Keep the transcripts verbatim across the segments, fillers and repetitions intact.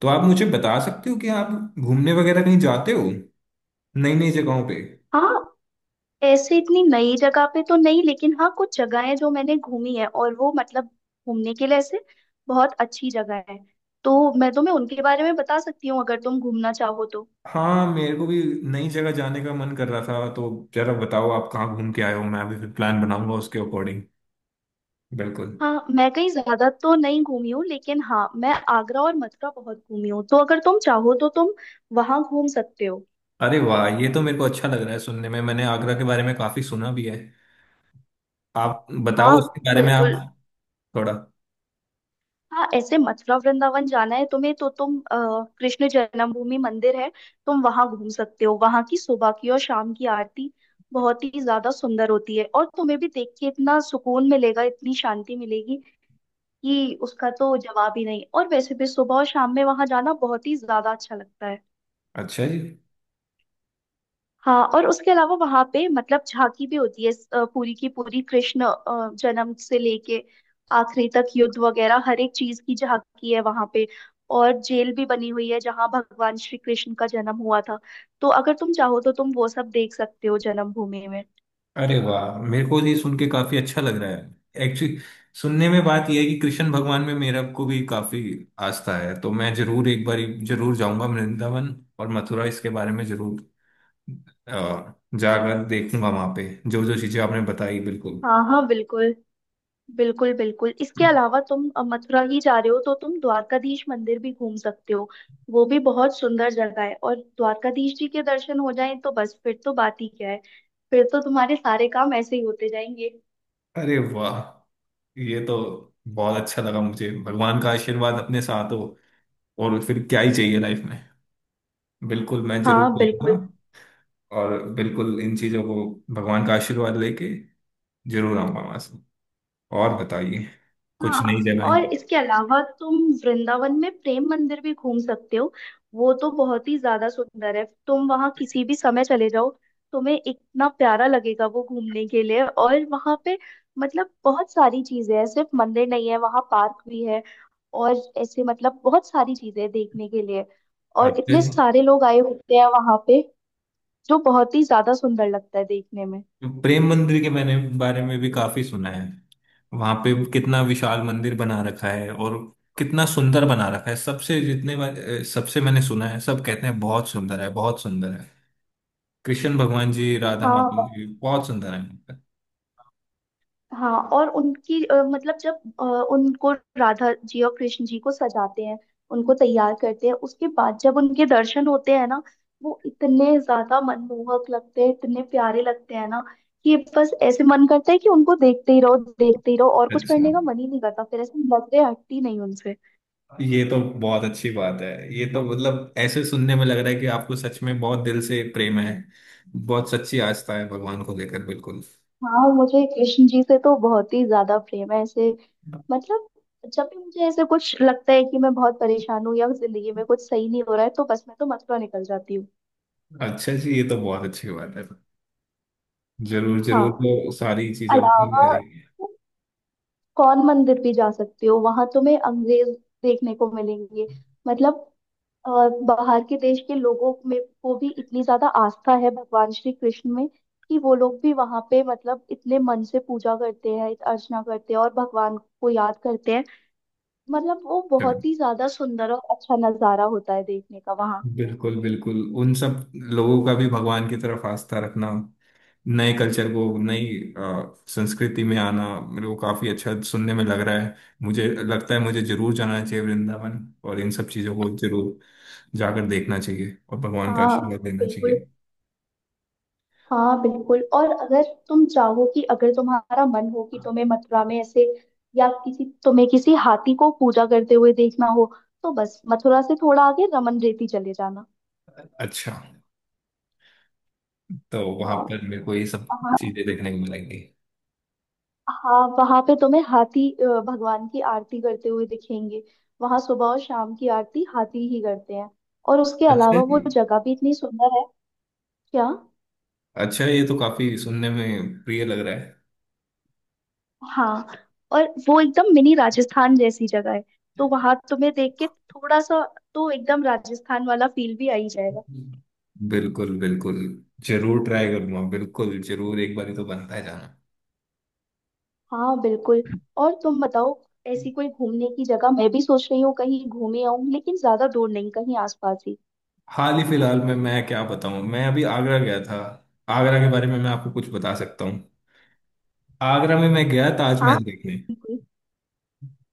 तो आप मुझे बता सकते हो कि आप घूमने वगैरह कहीं जाते हो नई नई जगहों पे। हाँ, ऐसे इतनी नई जगह पे तो नहीं, लेकिन हाँ, कुछ जगहें जो मैंने घूमी है और वो मतलब घूमने के लिए ऐसे बहुत अच्छी जगह है, तो मैं तुम्हें उनके बारे में बता सकती हूँ अगर तुम घूमना चाहो तो। हाँ मेरे को भी नई जगह जाने का मन कर रहा था तो जरा बताओ आप कहाँ घूम के आए हो। मैं भी फिर प्लान बनाऊंगा उसके अकॉर्डिंग। बिल्कुल। हाँ, मैं कहीं ज्यादा तो नहीं घूमी हूँ, लेकिन हाँ, मैं आगरा और मथुरा बहुत घूमी हूँ, तो अगर तुम चाहो तो तुम वहां घूम सकते हो। अरे वाह, ये तो मेरे को अच्छा लग रहा है सुनने में। मैंने आगरा के बारे में काफी सुना भी है। आप बताओ हाँ उसके बारे में। आप बिल्कुल। थोड़ा। हाँ, ऐसे मथुरा वृंदावन जाना है तुम्हें तो तुम अ, कृष्ण जन्मभूमि मंदिर है, तुम वहां घूम सकते हो। वहां की सुबह की और शाम की आरती बहुत ही ज्यादा सुंदर होती है और तुम्हें भी देख के इतना सुकून मिलेगा, इतनी शांति मिलेगी कि उसका तो जवाब ही नहीं। और वैसे भी सुबह और शाम में वहां जाना बहुत ही ज्यादा अच्छा लगता है। अच्छा जी। हाँ, और उसके अलावा वहां पे मतलब झांकी भी होती है। अ, पूरी की पूरी कृष्ण अ, जन्म से लेके आखिरी तक युद्ध वगैरह हर एक चीज की झांकी है वहां पे। और जेल भी बनी हुई है जहाँ भगवान श्री कृष्ण का जन्म हुआ था, तो अगर तुम चाहो तो तुम वो सब देख सकते हो जन्मभूमि में। अरे वाह, मेरे को ये सुन के काफी अच्छा लग रहा है एक्चुअली। सुनने में बात यह है कि कृष्ण भगवान में मेरा को भी काफी आस्था है। तो मैं जरूर एक बार जरूर जाऊंगा वृंदावन और मथुरा। इसके बारे में जरूर अ, जाकर देखूंगा वहां पे जो जो चीजें आपने बताई। बिल्कुल। हाँ हाँ बिल्कुल। बिल्कुल बिल्कुल इसके अलावा तुम अ, मथुरा ही जा रहे हो तो तुम द्वारकाधीश मंदिर भी घूम सकते हो। वो भी बहुत सुंदर जगह है और द्वारकाधीश जी के दर्शन हो जाएं तो बस फिर तो बात ही क्या है। फिर तो तुम्हारे सारे काम ऐसे ही होते जाएंगे। अरे वाह, ये तो बहुत अच्छा लगा मुझे। भगवान का आशीर्वाद अपने साथ हो और फिर क्या ही चाहिए लाइफ में। बिल्कुल मैं जरूर हाँ जाऊंगा बिल्कुल। और बिल्कुल इन चीजों को भगवान का आशीर्वाद लेके जरूर आऊंगा मैं सर। और बताइए कुछ नई हाँ, जगह। और इसके अलावा तुम वृंदावन में प्रेम मंदिर भी घूम सकते हो। वो तो बहुत ही ज्यादा सुंदर है, तुम वहाँ किसी भी समय चले जाओ, तुम्हें इतना प्यारा लगेगा वो घूमने के लिए। और वहाँ पे मतलब बहुत सारी चीजें हैं, सिर्फ मंदिर नहीं है, वहाँ पार्क भी है। और ऐसे मतलब बहुत सारी चीजें हैं देखने के लिए, और अच्छा इतने जी। सारे लोग आए होते हैं वहाँ पे जो बहुत ही ज्यादा सुंदर लगता है देखने में। प्रेम मंदिर के मैंने बारे में भी काफी सुना है। वहां पे कितना विशाल मंदिर बना रखा है और कितना सुंदर बना रखा है। सबसे जितने बार अ, सबसे मैंने सुना है सब कहते हैं बहुत सुंदर है, बहुत सुंदर है। कृष्ण भगवान जी, राधा माता हाँ। जी बहुत सुंदर है। हाँ, और उनकी अ, मतलब जब अ, उनको, राधा जी और कृष्ण जी को सजाते हैं, उनको तैयार करते हैं, उसके बाद जब उनके दर्शन होते हैं ना, वो इतने ज्यादा मनमोहक लगते हैं, इतने प्यारे लगते हैं ना कि बस ऐसे मन करता है कि उनको देखते ही रहो, देखते ही रहो, और कुछ अच्छा, करने का मन ही नहीं करता। फिर ऐसे नजरें हटती नहीं उनसे। ये तो बहुत अच्छी बात है। ये तो मतलब ऐसे सुनने में लग रहा है कि आपको सच में बहुत दिल से प्रेम है। बहुत सच्ची आस्था है भगवान को लेकर बिल्कुल। हाँ, मुझे कृष्ण जी से तो बहुत ही ज्यादा प्रेम है ऐसे। मतलब जब भी मुझे ऐसे कुछ लगता है कि मैं बहुत परेशान हूँ या जिंदगी में कुछ सही नहीं हो रहा है, तो बस मैं तो मथुरा निकल जाती हूँ। अच्छा जी, ये तो बहुत अच्छी बात है। जरूर जरूर हाँ, तो सारी चीजों को अलावा करेंगे। कौन मंदिर भी जा सकते हो, वहां तुम्हें अंग्रेज देखने को मिलेंगे। मतलब अ, बाहर के देश के लोगों में को भी इतनी ज्यादा आस्था है भगवान श्री कृष्ण में कि वो लोग भी वहां पे मतलब इतने मन से पूजा करते हैं, अर्चना करते हैं और भगवान को याद करते हैं। मतलब वो चलो, बहुत ही ज्यादा सुंदर और अच्छा नजारा होता है देखने का वहाँ। बिल्कुल बिल्कुल उन सब लोगों का भी भगवान की तरफ आस्था रखना। नए कल्चर को नई अ, संस्कृति में आना मेरे को काफी अच्छा सुनने में लग रहा है। मुझे लगता है मुझे जरूर जाना चाहिए वृंदावन और इन सब चीजों को जरूर जाकर देखना चाहिए और भगवान का हाँ आशीर्वाद लेना बिल्कुल। चाहिए। हाँ बिल्कुल, और अगर तुम चाहो कि अगर तुम्हारा मन हो कि तुम्हें मथुरा में ऐसे या किसी तुम्हें किसी हाथी को पूजा करते हुए देखना हो, तो बस मथुरा से थोड़ा आगे रमन रेती चले जाना। अच्छा, तो वहां हाँ पर मेरे को ये सब वहाँ। चीजें देखने को मिलेंगी। हाँ, वहां पे तुम्हें हाथी अ, भगवान की आरती करते हुए दिखेंगे। वहां सुबह और शाम की आरती हाथी ही करते हैं। और उसके अच्छा। अलावा वो जगह भी इतनी सुंदर है क्या। अच्छा, ये तो काफी सुनने में प्रिय लग रहा है। हाँ, और वो एकदम मिनी राजस्थान जैसी जगह है, तो वहां तुम्हें देख के थोड़ा सा तो एकदम राजस्थान वाला फील भी आ ही जाएगा। बिल्कुल बिल्कुल जरूर ट्राई करूंगा, बिल्कुल जरूर। एक बार ही तो बनता है जाना। हाँ बिल्कुल। और तुम बताओ, ऐसी कोई घूमने की जगह, मैं भी सोच रही हूँ कहीं घूमे आऊँ, लेकिन ज्यादा दूर नहीं, कहीं आसपास ही। हाल ही फिलहाल में मैं क्या बताऊं, मैं अभी आगरा गया था। आगरा के बारे में मैं आपको कुछ बता सकता हूँ। आगरा में मैं गया हाँ ताजमहल देखने। बिल्कुल।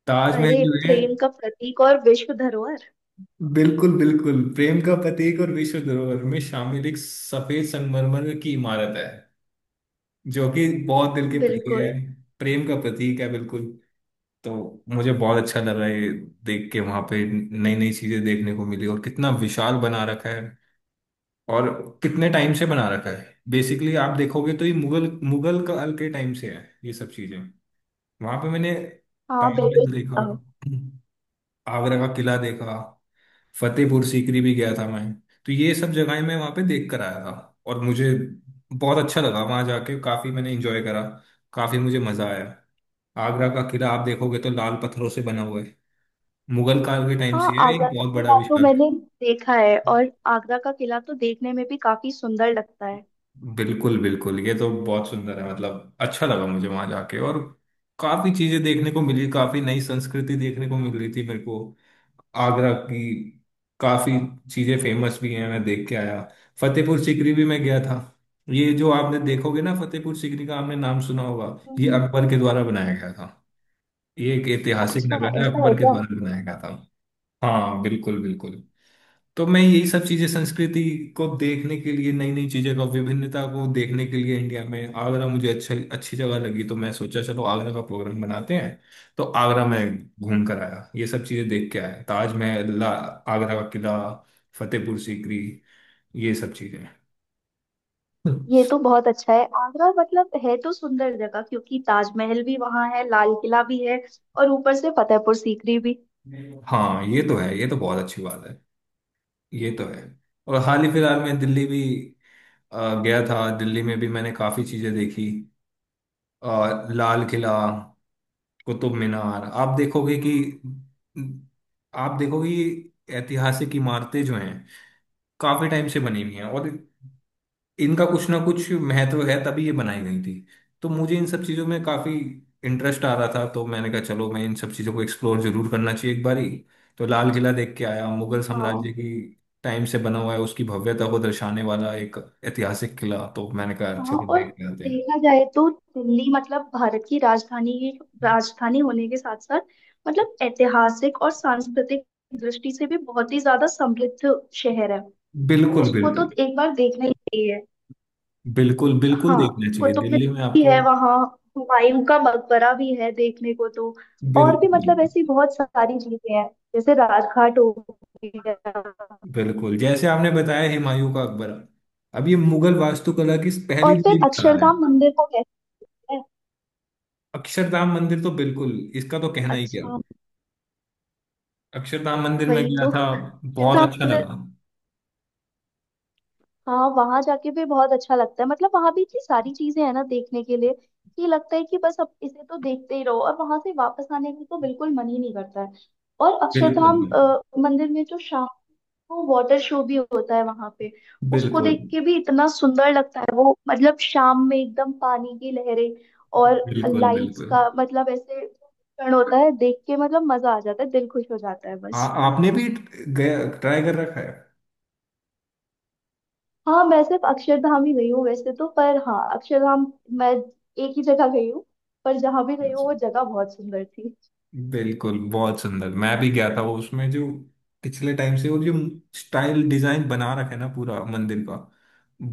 ताजमहल अरे, जो है प्रेम का प्रतीक और विश्व धरोहर। बिल्कुल बिल्कुल प्रेम का प्रतीक और विश्व धरोहर में शामिल एक सफेद संगमरमर की इमारत है जो कि बहुत दिल के प्रिय बिल्कुल। है। प्रेम का प्रतीक है बिल्कुल। तो मुझे बहुत अच्छा लगा ये देख के। वहां पे नई नई चीजें देखने को मिली और कितना विशाल बना रखा है और कितने टाइम से बना रखा है। बेसिकली आप देखोगे तो ये मुगल मुगल काल के टाइम से है ये सब चीजें। वहां पे मैंने हाँ बिल्कुल। ताजमहल देखा, हाँ आगरा का किला देखा, फतेहपुर सीकरी भी गया था मैं। तो ये सब जगहें मैं वहां पे देख कर आया था। और मुझे बहुत अच्छा लगा वहां जाके। काफी मैंने एंजॉय करा, काफी मुझे मजा आया। आगरा का किला आप देखोगे तो लाल पत्थरों से बना हुआ है मुगल काल के टाइम से। हाँ, ये आगरा एक का बहुत बड़ा किला तो विशाल। मैंने देखा है, और आगरा का किला तो देखने में भी काफी सुंदर लगता है। बिल्कुल बिल्कुल, ये तो बहुत सुंदर है। मतलब अच्छा लगा मुझे वहां जाके और काफी चीजें देखने को मिली। काफी नई संस्कृति देखने को मिल रही थी मेरे को आगरा की। काफी चीजें फेमस भी हैं, मैं देख के आया। फतेहपुर सीकरी भी मैं गया था। ये जो आपने देखोगे ना, फतेहपुर सीकरी का आपने नाम सुना होगा। ये हम्म। अकबर के द्वारा बनाया गया था। ये एक ऐतिहासिक अच्छा, नगर है, ऐसा है अकबर के क्या। द्वारा बनाया गया था। हाँ बिल्कुल बिल्कुल। तो मैं यही सब चीजें संस्कृति को देखने के लिए, नई नई चीजें का विभिन्नता को देखने के लिए, इंडिया में आगरा मुझे अच्छा अच्छी जगह लगी। तो मैं सोचा चलो आगरा का प्रोग्राम बनाते हैं। तो आगरा में घूम कर आया, ये सब चीजें देख के आया। ताजमहल, ला- आगरा का किला, फतेहपुर सीकरी, ये सब चीजें। ये तो बहुत अच्छा है आगरा, मतलब है तो सुंदर जगह, क्योंकि ताजमहल भी वहां है, लाल किला भी है, और ऊपर से फतेहपुर सीकरी भी। हाँ ये तो है, ये तो बहुत अच्छी बात है। ये तो है। और हाल ही फिलहाल में दिल्ली भी अ, गया था। दिल्ली में भी मैंने काफी चीजें देखी, अ, लाल किला, कुतुब मीनार। आप देखोगे कि आप देखोगे कि ऐतिहासिक इमारतें जो हैं काफी टाइम से बनी हुई हैं और इनका कुछ ना कुछ महत्व है तभी ये बनाई गई थी। तो मुझे इन सब चीजों में काफी इंटरेस्ट आ रहा था। तो मैंने कहा चलो मैं इन सब चीजों को एक्सप्लोर जरूर करना चाहिए एक बारी। तो लाल किला देख के आया, मुगल साम्राज्य हाँ। की टाइम से बना हुआ है उसकी भव्यता को दर्शाने वाला एक ऐतिहासिक किला। तो मैंने कहा हाँ, चलो और देख के आते हैं। देखा जाए तो दिल्ली मतलब भारत की राजधानी, राजधानी होने के साथ साथ मतलब ऐतिहासिक और सांस्कृतिक दृष्टि से भी बहुत ही ज्यादा समृद्ध शहर है, तो बिल्कुल उसको बिल्कुल। तो एक बार देखना ही चाहिए। बिल्कुल बिल्कुल हाँ, देखना चाहिए कुतुब दिल्ली में मीनार भी आपको। है वहाँ, हुमायूं का मकबरा भी है देखने को तो। और भी बिल्कुल मतलब बिल्कुल। ऐसी बहुत सारी चीजें हैं, जैसे राजघाट हो गया। बिल्कुल जैसे आपने बताया हुमायूं का मकबरा, अब ये मुगल वास्तुकला की पहली और फिर बड़ी मिसाल है। अक्षरधाम मंदिर को कहते हैं। अक्षरधाम मंदिर तो बिल्कुल, इसका तो कहना ही क्या। अच्छा, अक्षरधाम मंदिर में वही गया तो था, बहुत अक्षरधाम अच्छा मंदिर। लगा। हाँ, वहां जाके भी बहुत अच्छा लगता है, मतलब वहां भी इतनी सारी चीजें हैं ना देखने के लिए कि लगता है कि बस अब इसे तो देखते ही रहो, और वहां से वापस आने का तो बिल्कुल मन ही नहीं करता है। और बिल्कुल अक्षरधाम बिल्कुल। अ, मंदिर में जो शाम, वो वाटर शो भी होता है वहां पे, उसको बिल्कुल देख के भी इतना सुंदर लगता है वो। मतलब शाम में एकदम पानी की लहरें और बिल्कुल। लाइट्स बिल्कुल का, मतलब ऐसे क्षण होता है देख के मतलब मजा आ जाता है, दिल खुश हो जाता है आ, बस। आपने भी ट्राई कर रखा हाँ, मैं सिर्फ अक्षरधाम ही गई हूँ वैसे तो, पर हाँ, अक्षरधाम मैं एक ही जगह गई हूँ, पर जहाँ भी है। गई हूँ वो जगह बहुत सुंदर थी। बिल्कुल बहुत सुंदर। मैं भी गया था वो। उसमें जो पिछले टाइम से वो जो स्टाइल डिजाइन बना रखे ना पूरा मंदिर का,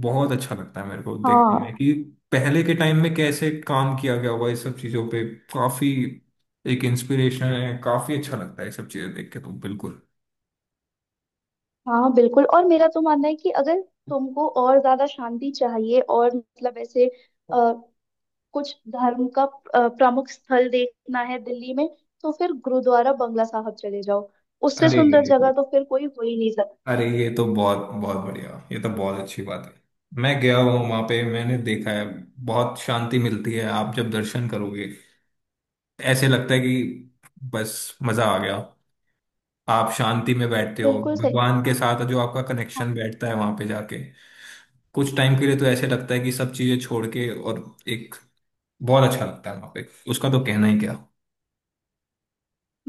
बहुत अच्छा लगता है मेरे को देखने हाँ। में कि पहले के टाइम में कैसे काम किया गया हुआ इस सब चीजों पे। काफी एक इंस्पिरेशन है, काफी अच्छा लगता है ये सब चीजें देख के तो बिल्कुल। हाँ बिल्कुल। और मेरा तो मानना है कि अगर तुमको और ज्यादा शांति चाहिए और मतलब ऐसे कुछ धर्म का अ, प्रमुख स्थल देखना है दिल्ली में, तो फिर गुरुद्वारा बंगला साहब चले जाओ। उससे अरे सुंदर अरे, जगह तो फिर कोई हो ही नहीं सकता। अरे ये तो बहुत बहुत बढ़िया। ये तो बहुत अच्छी बात है। मैं गया हूँ वहां पे, मैंने देखा है। बहुत शांति मिलती है आप जब दर्शन करोगे। ऐसे लगता है कि बस मजा आ गया। आप शांति में बैठते हो, बिल्कुल सही। भगवान के साथ जो आपका हाँ। कनेक्शन बैठता है वहां पे जाके। कुछ टाइम के लिए तो ऐसे लगता है कि सब चीजें छोड़ के और एक बहुत अच्छा लगता है वहां पे, उसका तो कहना ही क्या।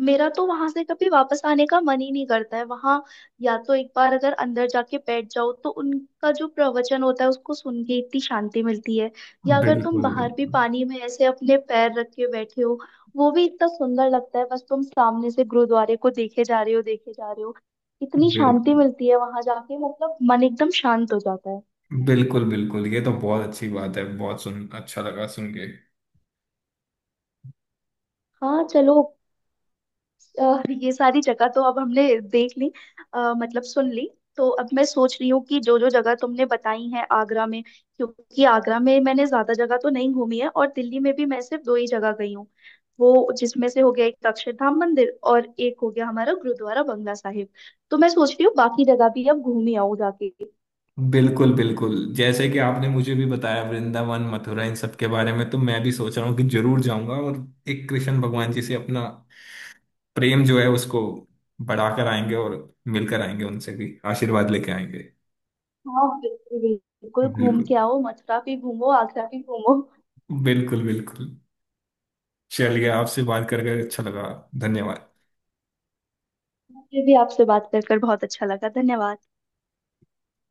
मेरा तो वहां से कभी वापस आने का मन ही नहीं करता है वहां। या तो एक बार अगर अंदर जाके बैठ जाओ तो उनका जो प्रवचन होता है उसको सुन के इतनी शांति मिलती है, या अगर तुम बिल्कुल। बाहर भी बिल्कुल पानी में ऐसे अपने पैर रख के बैठे हो, वो भी इतना सुंदर लगता है, बस तुम सामने से गुरुद्वारे को देखे जा रहे हो, देखे जा रहे हो, इतनी शांति बिल्कुल। मिलती है वहां जाके, मतलब मन एकदम शांत हो जाता है। बिल्कुल बिल्कुल, ये तो बहुत अच्छी बात है, बहुत सुन अच्छा लगा सुन के। हाँ चलो, अ, ये सारी जगह तो अब हमने देख ली, अ, मतलब सुन ली। तो अब मैं सोच रही हूँ कि जो जो जगह तुमने बताई है आगरा में, क्योंकि आगरा में मैंने ज्यादा जगह तो नहीं घूमी है, और दिल्ली में भी मैं सिर्फ दो ही जगह गई हूँ, वो जिसमें से हो गया एक अक्षरधाम मंदिर और एक हो गया हमारा गुरुद्वारा बंगला साहिब। तो मैं सोच रही हूँ बाकी जगह भी अब घूम ही आऊँ जाके। बिल्कुल बिल्कुल जैसे कि आपने मुझे भी बताया वृंदावन मथुरा इन सब के बारे में, तो मैं भी सोच रहा हूँ कि जरूर जाऊंगा और एक कृष्ण भगवान जी से अपना प्रेम जो है उसको बढ़ाकर आएंगे और मिलकर आएंगे, उनसे भी आशीर्वाद लेके आएंगे। हाँ बिल्कुल, बिल्कुल घूम बिल्कुल। के आओ, मथुरा भी घूमो, आगरा भी घूमो। बिल्कुल बिल्कुल। चलिए आपसे बात करके अच्छा लगा, धन्यवाद। मुझे भी आपसे बात कर कर बहुत अच्छा लगा, धन्यवाद।